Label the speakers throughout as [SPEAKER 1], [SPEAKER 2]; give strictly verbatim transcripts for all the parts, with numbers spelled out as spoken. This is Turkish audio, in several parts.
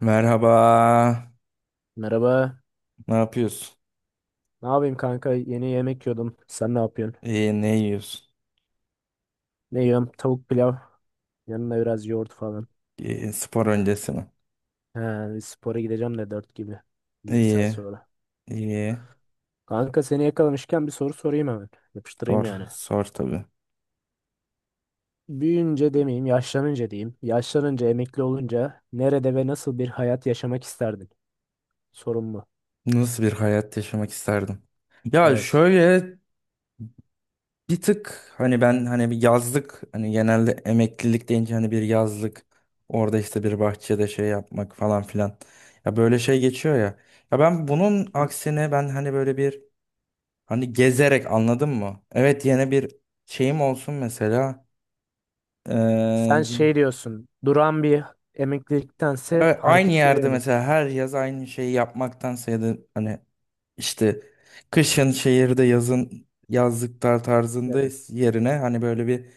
[SPEAKER 1] Merhaba.
[SPEAKER 2] Merhaba.
[SPEAKER 1] Ne yapıyorsun?
[SPEAKER 2] Ne yapayım kanka? Yeni yemek yiyordum. Sen ne yapıyorsun?
[SPEAKER 1] İyi, ne yiyorsun?
[SPEAKER 2] Ne yiyorum? Tavuk pilav. Yanına biraz yoğurt falan.
[SPEAKER 1] İyi, spor öncesi mi?
[SPEAKER 2] He, bir spora gideceğim de dört gibi. Bir iki saat
[SPEAKER 1] İyi,
[SPEAKER 2] sonra.
[SPEAKER 1] iyi.
[SPEAKER 2] Kanka seni yakalamışken bir soru sorayım hemen. Yapıştırayım
[SPEAKER 1] Sor,
[SPEAKER 2] yani.
[SPEAKER 1] sor tabii.
[SPEAKER 2] Büyüyünce demeyeyim, yaşlanınca diyeyim. Yaşlanınca, emekli olunca nerede ve nasıl bir hayat yaşamak isterdin? Sorun bu.
[SPEAKER 1] Nasıl bir hayat yaşamak isterdim? Ya
[SPEAKER 2] Evet.
[SPEAKER 1] şöyle bir tık hani ben hani bir yazlık hani genelde emeklilik deyince hani bir yazlık orada işte bir bahçede şey yapmak falan filan. Ya böyle şey geçiyor ya. Ya ben bunun
[SPEAKER 2] Hı?
[SPEAKER 1] aksine ben hani böyle bir hani gezerek anladın mı? Evet yine bir şeyim olsun mesela.
[SPEAKER 2] Sen
[SPEAKER 1] Ee,
[SPEAKER 2] şey diyorsun. Duran bir emekliliktense
[SPEAKER 1] Evet, aynı
[SPEAKER 2] hareketli bir
[SPEAKER 1] yerde
[SPEAKER 2] emeklilik.
[SPEAKER 1] mesela her yaz aynı şeyi yapmaktansa ya da hani işte kışın şehirde yazın yazlıklar tarzında
[SPEAKER 2] Evet.
[SPEAKER 1] yerine hani böyle bir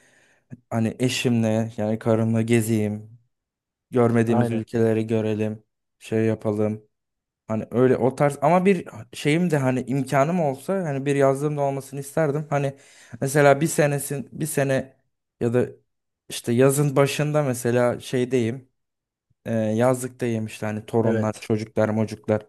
[SPEAKER 1] hani eşimle yani karımla gezeyim, görmediğimiz
[SPEAKER 2] Aynen.
[SPEAKER 1] ülkeleri görelim, şey yapalım. Hani öyle o tarz ama bir şeyim de hani imkanım olsa hani bir yazlığım da olmasını isterdim. Hani mesela bir senesin bir sene ya da işte yazın başında mesela şeydeyim. E, yazlıkta yemişler hani torunlar,
[SPEAKER 2] Evet.
[SPEAKER 1] çocuklar, mocuklar.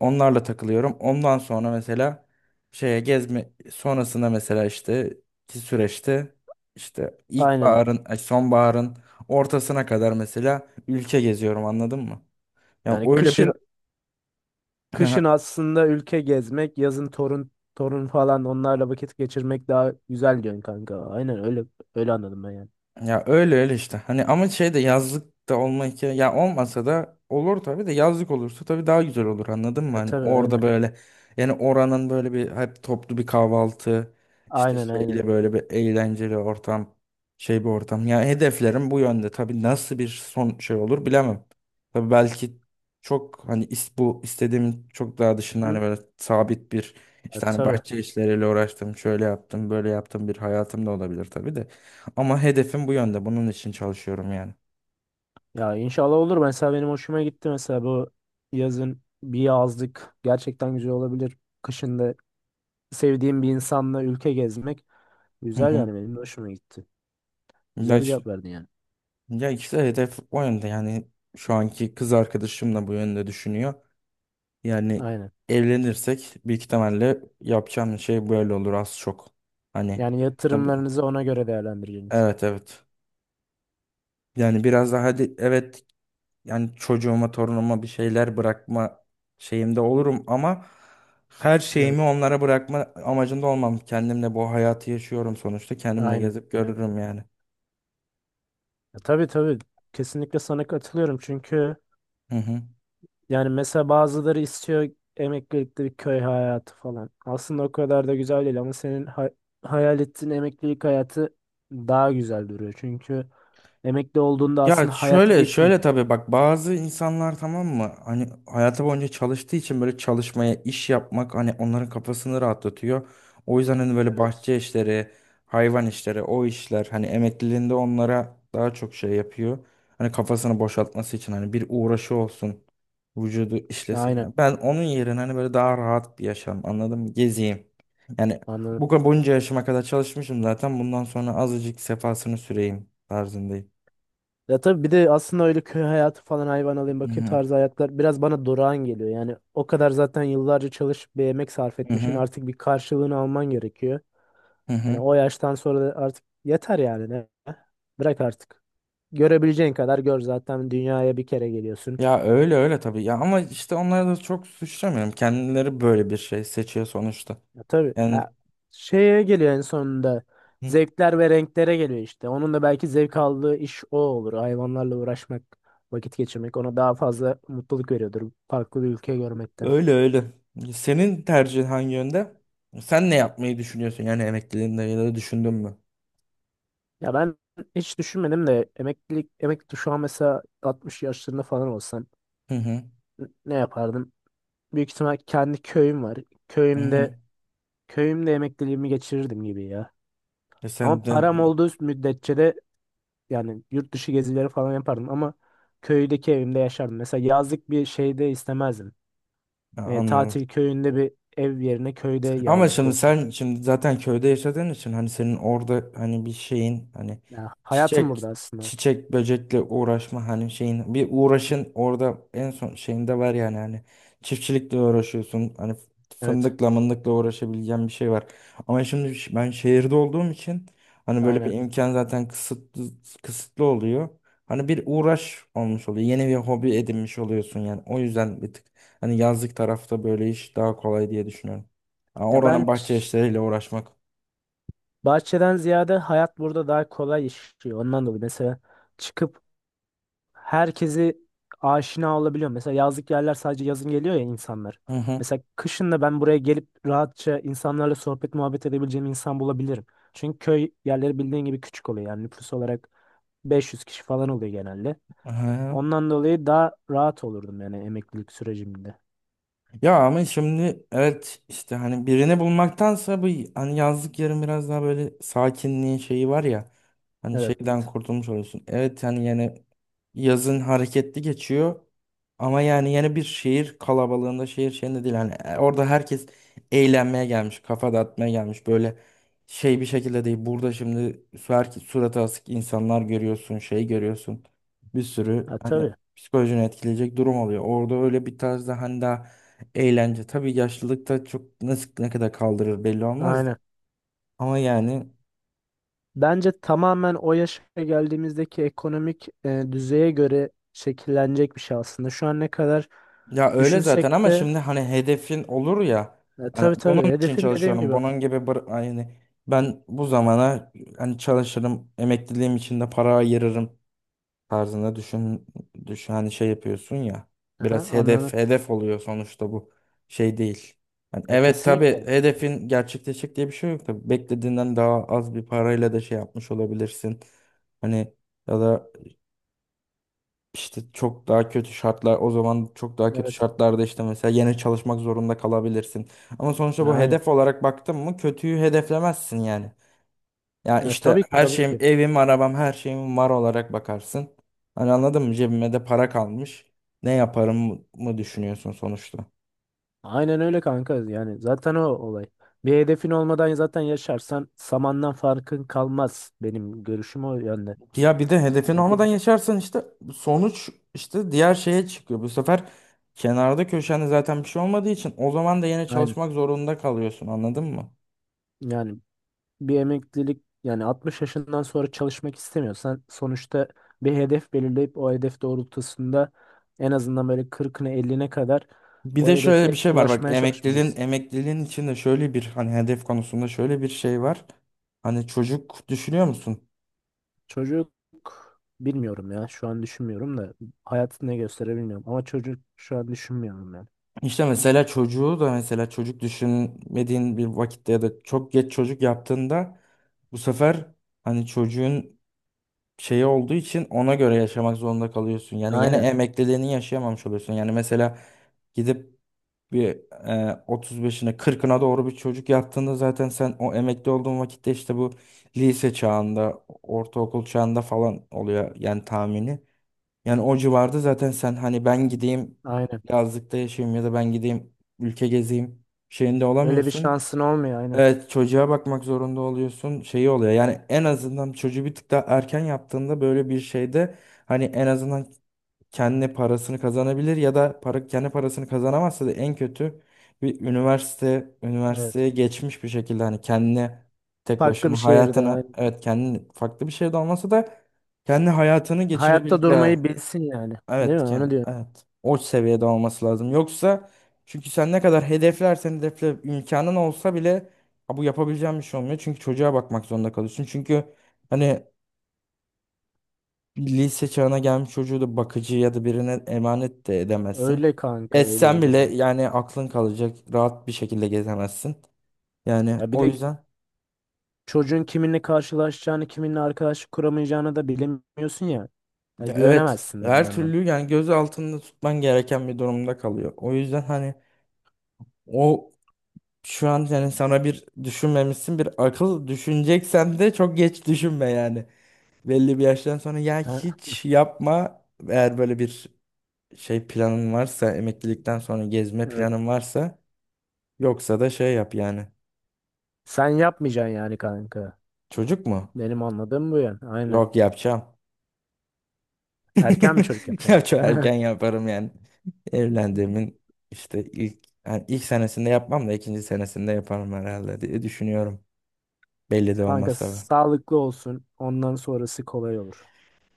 [SPEAKER 1] Onlarla takılıyorum. Ondan sonra mesela şeye gezme sonrasında mesela işte ki süreçte işte
[SPEAKER 2] Aynen.
[SPEAKER 1] ilkbaharın, ay, sonbaharın ortasına kadar mesela ülke geziyorum anladın mı? Yani
[SPEAKER 2] Yani
[SPEAKER 1] öyle bir
[SPEAKER 2] kışın Kışın aslında ülke gezmek, yazın torun torun falan onlarla vakit geçirmek daha güzel diyorsun kanka. Aynen öyle öyle anladım ben yani.
[SPEAKER 1] Ya öyle öyle işte. Hani ama şey de yazlık da olmak ya ya olmasa da olur tabii de yazlık olursa tabii daha güzel olur anladın mı?
[SPEAKER 2] Ya,
[SPEAKER 1] Hani
[SPEAKER 2] tabii
[SPEAKER 1] orada
[SPEAKER 2] aynen.
[SPEAKER 1] böyle yani oranın böyle bir hep toplu bir kahvaltı işte
[SPEAKER 2] Aynen aynen.
[SPEAKER 1] şeyle böyle bir eğlenceli ortam şey bir ortam. Ya hedeflerim bu yönde tabii nasıl bir son şey olur bilemem. Tabii belki çok hani is, bu istediğim çok daha dışında hani
[SPEAKER 2] Hı.
[SPEAKER 1] böyle sabit bir
[SPEAKER 2] Ya,
[SPEAKER 1] işte hani
[SPEAKER 2] tabii.
[SPEAKER 1] bahçe işleriyle uğraştım şöyle yaptım böyle yaptım bir hayatım da olabilir tabii de. Ama hedefim bu yönde. Bunun için çalışıyorum yani.
[SPEAKER 2] Ya inşallah olur. Mesela benim hoşuma gitti, mesela bu yazın bir yazlık gerçekten güzel olabilir. Kışın da sevdiğim bir insanla ülke gezmek
[SPEAKER 1] Hı
[SPEAKER 2] güzel,
[SPEAKER 1] hı.
[SPEAKER 2] yani benim de hoşuma gitti. Güzel
[SPEAKER 1] Ya,
[SPEAKER 2] bir
[SPEAKER 1] ş-
[SPEAKER 2] cevap verdin yani.
[SPEAKER 1] ya işte hedef o yönde. Yani şu anki kız arkadaşım da bu yönde düşünüyor. Yani
[SPEAKER 2] Aynen.
[SPEAKER 1] evlenirsek büyük ihtimalle yapacağım şey böyle olur az çok. Hani
[SPEAKER 2] Yani
[SPEAKER 1] tabii.
[SPEAKER 2] yatırımlarınızı ona göre değerlendireceğiniz.
[SPEAKER 1] Evet evet. Yani biraz daha hadi evet yani çocuğuma torunuma bir şeyler bırakma şeyimde olurum ama her
[SPEAKER 2] Evet.
[SPEAKER 1] şeyimi onlara bırakma amacında olmam. Kendimle bu hayatı yaşıyorum sonuçta. Kendimle
[SPEAKER 2] Aynen.
[SPEAKER 1] gezip görürüm yani.
[SPEAKER 2] Ya tabii tabii, kesinlikle sana katılıyorum çünkü
[SPEAKER 1] Hı hı.
[SPEAKER 2] yani mesela bazıları istiyor emeklilikte bir köy hayatı falan. Aslında o kadar da güzel değil ama senin ha- hayal ettiğin emeklilik hayatı daha güzel duruyor. Çünkü emekli olduğunda
[SPEAKER 1] Ya
[SPEAKER 2] aslında hayat
[SPEAKER 1] şöyle
[SPEAKER 2] bitmiyor.
[SPEAKER 1] şöyle tabii bak bazı insanlar tamam mı hani hayatı boyunca çalıştığı için böyle çalışmaya iş yapmak hani onların kafasını rahatlatıyor. O yüzden hani böyle
[SPEAKER 2] Evet.
[SPEAKER 1] bahçe işleri, hayvan işleri, o işler hani emekliliğinde onlara daha çok şey yapıyor. Hani kafasını boşaltması için hani bir uğraşı olsun, vücudu
[SPEAKER 2] Aynen,
[SPEAKER 1] işlesin. Ben onun yerine hani böyle daha rahat bir yaşam anladım mı? Gezeyim. Yani
[SPEAKER 2] anladım.
[SPEAKER 1] bu kadar bunca yaşıma kadar çalışmışım zaten bundan sonra azıcık sefasını süreyim tarzındayım.
[SPEAKER 2] Ya tabii, bir de aslında öyle köy hayatı falan, hayvan alayım bakayım tarzı hayatlar biraz bana durağan geliyor. Yani o kadar zaten yıllarca çalışıp bir emek sarf
[SPEAKER 1] Hı
[SPEAKER 2] etmişsin,
[SPEAKER 1] hı.
[SPEAKER 2] artık bir karşılığını alman gerekiyor.
[SPEAKER 1] Hı
[SPEAKER 2] Hani
[SPEAKER 1] hı.
[SPEAKER 2] o yaştan sonra da artık yeter yani ne? Bırak artık. Görebileceğin kadar gör, zaten dünyaya bir kere geliyorsun.
[SPEAKER 1] Ya öyle öyle tabii ya ama işte onları da çok suçlamıyorum. Kendileri böyle bir şey seçiyor sonuçta.
[SPEAKER 2] Ya tabii,
[SPEAKER 1] Yani
[SPEAKER 2] ha, şeye geliyor en sonunda.
[SPEAKER 1] hı,
[SPEAKER 2] Zevkler ve renklere geliyor işte. Onun da belki zevk aldığı iş o olur. Hayvanlarla uğraşmak, vakit geçirmek ona daha fazla mutluluk veriyordur. Farklı bir ülke görmekten.
[SPEAKER 1] öyle öyle. Senin tercihin hangi yönde? Sen ne yapmayı düşünüyorsun yani emekliliğinde ya da düşündün mü?
[SPEAKER 2] Ya ben hiç düşünmedim de emeklilik, emekli, şu an mesela altmış yaşlarında falan olsam
[SPEAKER 1] Hı hı.
[SPEAKER 2] n- ne yapardım? Büyük ihtimal kendi köyüm var.
[SPEAKER 1] Hı
[SPEAKER 2] Köyümde
[SPEAKER 1] hı.
[SPEAKER 2] Köyümde emekliliğimi geçirirdim gibi ya.
[SPEAKER 1] E sen
[SPEAKER 2] Ama
[SPEAKER 1] de
[SPEAKER 2] param olduğu müddetçe de yani yurt dışı gezileri falan yapardım, ama köydeki evimde yaşardım. Mesela yazlık bir şeyde istemezdim.
[SPEAKER 1] Ha,
[SPEAKER 2] E,
[SPEAKER 1] anladım.
[SPEAKER 2] tatil köyünde bir ev yerine köyde
[SPEAKER 1] Ama
[SPEAKER 2] yazlık
[SPEAKER 1] şimdi
[SPEAKER 2] olsun.
[SPEAKER 1] sen şimdi zaten köyde yaşadığın için hani senin orada hani bir şeyin hani
[SPEAKER 2] Ya, hayatım
[SPEAKER 1] çiçek
[SPEAKER 2] burada aslında.
[SPEAKER 1] çiçek böcekle uğraşma hani şeyin bir uğraşın orada en son şeyinde var yani hani çiftçilikle uğraşıyorsun hani
[SPEAKER 2] Evet,
[SPEAKER 1] fındıkla mındıkla uğraşabileceğin bir şey var. Ama şimdi ş- ben şehirde olduğum için hani böyle bir
[SPEAKER 2] aynen.
[SPEAKER 1] imkan zaten kısıtlı kısıtlı oluyor. Hani bir uğraş olmuş oluyor. Yeni bir hobi edinmiş oluyorsun yani. O yüzden bir tık hani yazlık tarafta böyle iş daha kolay diye düşünüyorum. Ha,
[SPEAKER 2] Ya ben
[SPEAKER 1] oranın bahçe
[SPEAKER 2] ç-
[SPEAKER 1] işleriyle uğraşmak.
[SPEAKER 2] bahçeden ziyade hayat burada daha kolay işliyor. Ondan dolayı mesela çıkıp herkesi aşina olabiliyor. Mesela yazlık yerler sadece yazın geliyor ya insanlar.
[SPEAKER 1] Hı hı.
[SPEAKER 2] Mesela kışın da ben buraya gelip rahatça insanlarla sohbet muhabbet edebileceğim insan bulabilirim. Çünkü köy yerleri bildiğin gibi küçük oluyor. Yani nüfus olarak beş yüz kişi falan oluyor genelde.
[SPEAKER 1] Hı.
[SPEAKER 2] Ondan dolayı daha rahat olurdum yani emeklilik sürecimde.
[SPEAKER 1] Ya ama şimdi evet işte hani birini bulmaktansa bu hani yazlık yerin biraz daha böyle sakinliğin şeyi var ya hani
[SPEAKER 2] Evet.
[SPEAKER 1] şeyden kurtulmuş oluyorsun. Evet hani yani yazın hareketli geçiyor ama yani yeni bir şehir kalabalığında şehir şeyinde değil hani e, orada herkes eğlenmeye gelmiş kafa dağıtmaya gelmiş böyle şey bir şekilde değil burada şimdi sürekli suratı asık insanlar görüyorsun şey görüyorsun bir sürü
[SPEAKER 2] Ha,
[SPEAKER 1] hani
[SPEAKER 2] tabii.
[SPEAKER 1] psikolojini etkileyecek durum oluyor. Orada öyle bir tarzda hani daha eğlence tabii yaşlılıkta çok nasıl ne kadar kaldırır belli olmaz da.
[SPEAKER 2] Aynen.
[SPEAKER 1] Ama yani
[SPEAKER 2] Bence tamamen o yaşa geldiğimizdeki ekonomik e, düzeye göre şekillenecek bir şey aslında. Şu an ne kadar
[SPEAKER 1] ya öyle zaten
[SPEAKER 2] düşünsek
[SPEAKER 1] ama
[SPEAKER 2] de.
[SPEAKER 1] şimdi hani hedefin olur ya
[SPEAKER 2] E,
[SPEAKER 1] hani
[SPEAKER 2] tabii
[SPEAKER 1] bunun
[SPEAKER 2] tabii.
[SPEAKER 1] için
[SPEAKER 2] Hedefim, dediğim
[SPEAKER 1] çalışıyorum.
[SPEAKER 2] gibi.
[SPEAKER 1] Bunun gibi bır- yani ben bu zamana hani çalışırım, emekliliğim için de para ayırırım tarzında düşün, düşün hani şey yapıyorsun ya.
[SPEAKER 2] Aha,
[SPEAKER 1] Biraz hedef
[SPEAKER 2] anladım.
[SPEAKER 1] hedef oluyor sonuçta bu şey değil. Yani
[SPEAKER 2] Ya,
[SPEAKER 1] evet tabii
[SPEAKER 2] kesinlikle.
[SPEAKER 1] hedefin gerçekleşecek diye bir şey yok tabii. Beklediğinden daha az bir parayla da şey yapmış olabilirsin. Hani ya da işte çok daha kötü şartlar o zaman çok daha kötü
[SPEAKER 2] Evet.
[SPEAKER 1] şartlarda işte mesela yine çalışmak zorunda kalabilirsin. Ama sonuçta bu
[SPEAKER 2] Yani.
[SPEAKER 1] hedef olarak baktın mı kötüyü hedeflemezsin yani. Ya
[SPEAKER 2] E,
[SPEAKER 1] işte
[SPEAKER 2] tabii ki
[SPEAKER 1] her
[SPEAKER 2] tabii
[SPEAKER 1] şeyim,
[SPEAKER 2] ki.
[SPEAKER 1] evim, arabam, her şeyim var olarak bakarsın. Hani anladın mı? Cebime de para kalmış. Ne yaparım mı düşünüyorsun sonuçta?
[SPEAKER 2] Aynen öyle kanka. Yani zaten o olay. Bir hedefin olmadan zaten yaşarsan samandan farkın kalmaz. Benim görüşüm o yönde.
[SPEAKER 1] Ya bir de hedefin
[SPEAKER 2] Yani bir,
[SPEAKER 1] olmadan yaşarsan işte sonuç işte diğer şeye çıkıyor. Bu sefer kenarda köşende zaten bir şey olmadığı için o zaman da yine
[SPEAKER 2] aynen.
[SPEAKER 1] çalışmak zorunda kalıyorsun anladın mı?
[SPEAKER 2] Yani bir emeklilik, yani altmış yaşından sonra çalışmak istemiyorsan sonuçta bir hedef belirleyip o hedef doğrultusunda en azından böyle kırkına elliye kadar
[SPEAKER 1] Bir
[SPEAKER 2] o
[SPEAKER 1] de
[SPEAKER 2] hedefe
[SPEAKER 1] şöyle bir şey var bak
[SPEAKER 2] ulaşmaya
[SPEAKER 1] emekliliğin
[SPEAKER 2] çalışmalısın.
[SPEAKER 1] emekliliğin içinde şöyle bir hani hedef konusunda şöyle bir şey var. Hani çocuk düşünüyor musun?
[SPEAKER 2] Çocuk, bilmiyorum ya. Şu an düşünmüyorum da, hayatı ne gösterir bilmiyorum. Ama çocuk şu an düşünmüyorum yani.
[SPEAKER 1] İşte mesela çocuğu da mesela çocuk düşünmediğin bir vakitte ya da çok geç çocuk yaptığında bu sefer hani çocuğun şeyi olduğu için ona göre yaşamak zorunda kalıyorsun. Yani yine
[SPEAKER 2] Aynen.
[SPEAKER 1] emekliliğini yaşayamamış oluyorsun. Yani mesela gidip bir e, otuz beşine kırkına doğru bir çocuk yaptığında zaten sen o emekli olduğun vakitte işte bu lise çağında, ortaokul çağında falan oluyor yani tahmini. Yani o civarda zaten sen hani ben gideyim
[SPEAKER 2] Aynen.
[SPEAKER 1] yazlıkta yaşayayım ya da ben gideyim ülke gezeyim şeyinde
[SPEAKER 2] Öyle bir
[SPEAKER 1] olamıyorsun.
[SPEAKER 2] şansın olmuyor, aynen.
[SPEAKER 1] Evet çocuğa bakmak zorunda oluyorsun şeyi oluyor. Yani en azından çocuğu bir tık daha erken yaptığında böyle bir şeyde hani en azından kendi parasını kazanabilir ya da para, kendi parasını kazanamazsa da en kötü bir üniversite
[SPEAKER 2] Evet.
[SPEAKER 1] üniversiteye geçmiş bir şekilde hani kendine tek
[SPEAKER 2] Farklı bir
[SPEAKER 1] başına
[SPEAKER 2] şehirde,
[SPEAKER 1] hayatına
[SPEAKER 2] aynen.
[SPEAKER 1] evet kendi farklı bir şey de olmasa da kendi hayatını
[SPEAKER 2] Hayatta
[SPEAKER 1] geçirebileceği
[SPEAKER 2] durmayı bilsin yani. Değil mi?
[SPEAKER 1] evet ki
[SPEAKER 2] Onu diyor.
[SPEAKER 1] evet. O seviyede olması lazım. Yoksa çünkü sen ne kadar hedeflersen hedefle imkanın olsa bile "Ha, bu yapabileceğim bir şey olmuyor." Çünkü çocuğa bakmak zorunda kalıyorsun. Çünkü hani bir lise çağına gelmiş çocuğu da bakıcı ya da birine emanet de edemezsin.
[SPEAKER 2] Öyle kanka, öyle
[SPEAKER 1] Etsen
[SPEAKER 2] öyle
[SPEAKER 1] bile
[SPEAKER 2] bu.
[SPEAKER 1] yani aklın kalacak. Rahat bir şekilde gezemezsin. Yani
[SPEAKER 2] Ya bir
[SPEAKER 1] o
[SPEAKER 2] de
[SPEAKER 1] yüzden
[SPEAKER 2] çocuğun kiminle karşılaşacağını, kiminle arkadaşlık kuramayacağını da bilemiyorsun ya. Ya
[SPEAKER 1] ya evet
[SPEAKER 2] güvenemezsin de bir
[SPEAKER 1] her
[SPEAKER 2] yandan.
[SPEAKER 1] türlü yani göz altında tutman gereken bir durumda kalıyor. O yüzden hani o şu an yani sana bir düşünmemişsin bir akıl düşüneceksen de çok geç düşünme yani. Belli bir yaştan sonra ya
[SPEAKER 2] Ha?
[SPEAKER 1] hiç yapma eğer böyle bir şey planın varsa emeklilikten sonra gezme
[SPEAKER 2] Evet.
[SPEAKER 1] planın varsa yoksa da şey yap yani.
[SPEAKER 2] Sen yapmayacaksın yani kanka.
[SPEAKER 1] Çocuk mu?
[SPEAKER 2] Benim anladığım bu yani. Aynen.
[SPEAKER 1] Yok yapacağım.
[SPEAKER 2] Erken bir çocuk yapacaksın.
[SPEAKER 1] Yapacağım erken yaparım yani. Evlendiğimin işte ilk yani ilk senesinde yapmam da ikinci senesinde yaparım herhalde diye düşünüyorum. Belli de
[SPEAKER 2] Kanka
[SPEAKER 1] olmaz tabii.
[SPEAKER 2] sağlıklı olsun. Ondan sonrası kolay olur.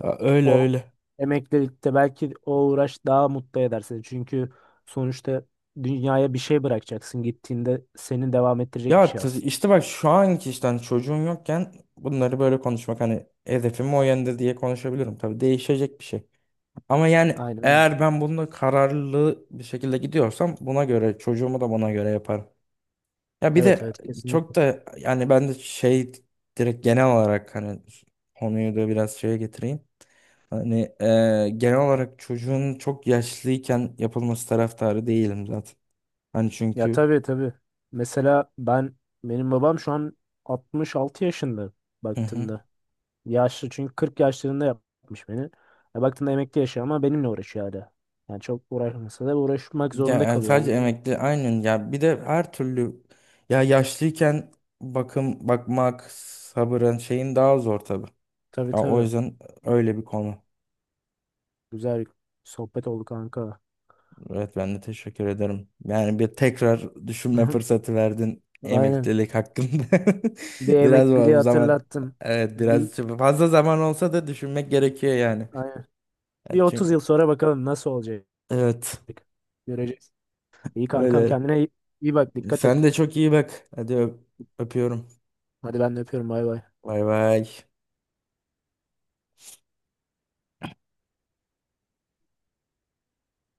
[SPEAKER 1] Aa, öyle
[SPEAKER 2] O
[SPEAKER 1] öyle.
[SPEAKER 2] emeklilikte belki o uğraş daha mutlu eder seni. Çünkü sonuçta dünyaya bir şey bırakacaksın. Gittiğinde seni devam ettirecek bir
[SPEAKER 1] Ya
[SPEAKER 2] şey
[SPEAKER 1] t-
[SPEAKER 2] aslında.
[SPEAKER 1] işte bak şu anki işte hani çocuğun yokken bunları böyle konuşmak hani hedefim o yönde diye konuşabilirim. Tabii değişecek bir şey. Ama yani
[SPEAKER 2] Aynen. öyle.
[SPEAKER 1] eğer ben bununla kararlı bir şekilde gidiyorsam buna göre çocuğumu da buna göre yaparım. Ya bir
[SPEAKER 2] Evet
[SPEAKER 1] de
[SPEAKER 2] evet,
[SPEAKER 1] çok
[SPEAKER 2] kesinlikle.
[SPEAKER 1] da yani ben de şey direkt genel olarak hani konuyu da biraz şeye getireyim. Hani e, genel olarak çocuğun çok yaşlıyken yapılması taraftarı değilim zaten. Hani
[SPEAKER 2] Ya
[SPEAKER 1] çünkü
[SPEAKER 2] tabii tabii. Mesela ben benim babam şu an altmış altı yaşında
[SPEAKER 1] hı hı.
[SPEAKER 2] baktığında. Yaşlı, çünkü kırk yaşlarında yapmış beni. Ya baktığında emekli yaşıyor ama benimle uğraşıyor hala. Yani çok uğraşmasa da uğraşmak
[SPEAKER 1] Ya
[SPEAKER 2] zorunda
[SPEAKER 1] yani
[SPEAKER 2] kalıyor.
[SPEAKER 1] sadece
[SPEAKER 2] Anladın mı?
[SPEAKER 1] emekli aynen ya bir de her türlü ya yaşlıyken bakım bakmak sabırın şeyin daha zor tabii.
[SPEAKER 2] Tabii
[SPEAKER 1] Ya o
[SPEAKER 2] tabii.
[SPEAKER 1] yüzden öyle bir konu.
[SPEAKER 2] Güzel sohbet oldu kanka.
[SPEAKER 1] Evet ben de teşekkür ederim. Yani bir tekrar düşünme fırsatı verdin
[SPEAKER 2] Aynen.
[SPEAKER 1] emeklilik hakkında.
[SPEAKER 2] Bir
[SPEAKER 1] Biraz
[SPEAKER 2] emekliliği
[SPEAKER 1] bu zaman
[SPEAKER 2] hatırlattın.
[SPEAKER 1] evet biraz
[SPEAKER 2] Bir,
[SPEAKER 1] fazla zaman olsa da düşünmek gerekiyor yani.
[SPEAKER 2] aynen. Bir
[SPEAKER 1] Ya
[SPEAKER 2] otuz
[SPEAKER 1] çünkü-
[SPEAKER 2] yıl sonra bakalım nasıl olacak.
[SPEAKER 1] evet
[SPEAKER 2] Göreceğiz. İyi kankam,
[SPEAKER 1] öyle.
[SPEAKER 2] kendine iyi, iyi bak, dikkat
[SPEAKER 1] Sen
[SPEAKER 2] et.
[SPEAKER 1] de çok iyi bak. Hadi öp- öpüyorum.
[SPEAKER 2] Hadi ben de öpüyorum, bay bay.
[SPEAKER 1] Bay bay.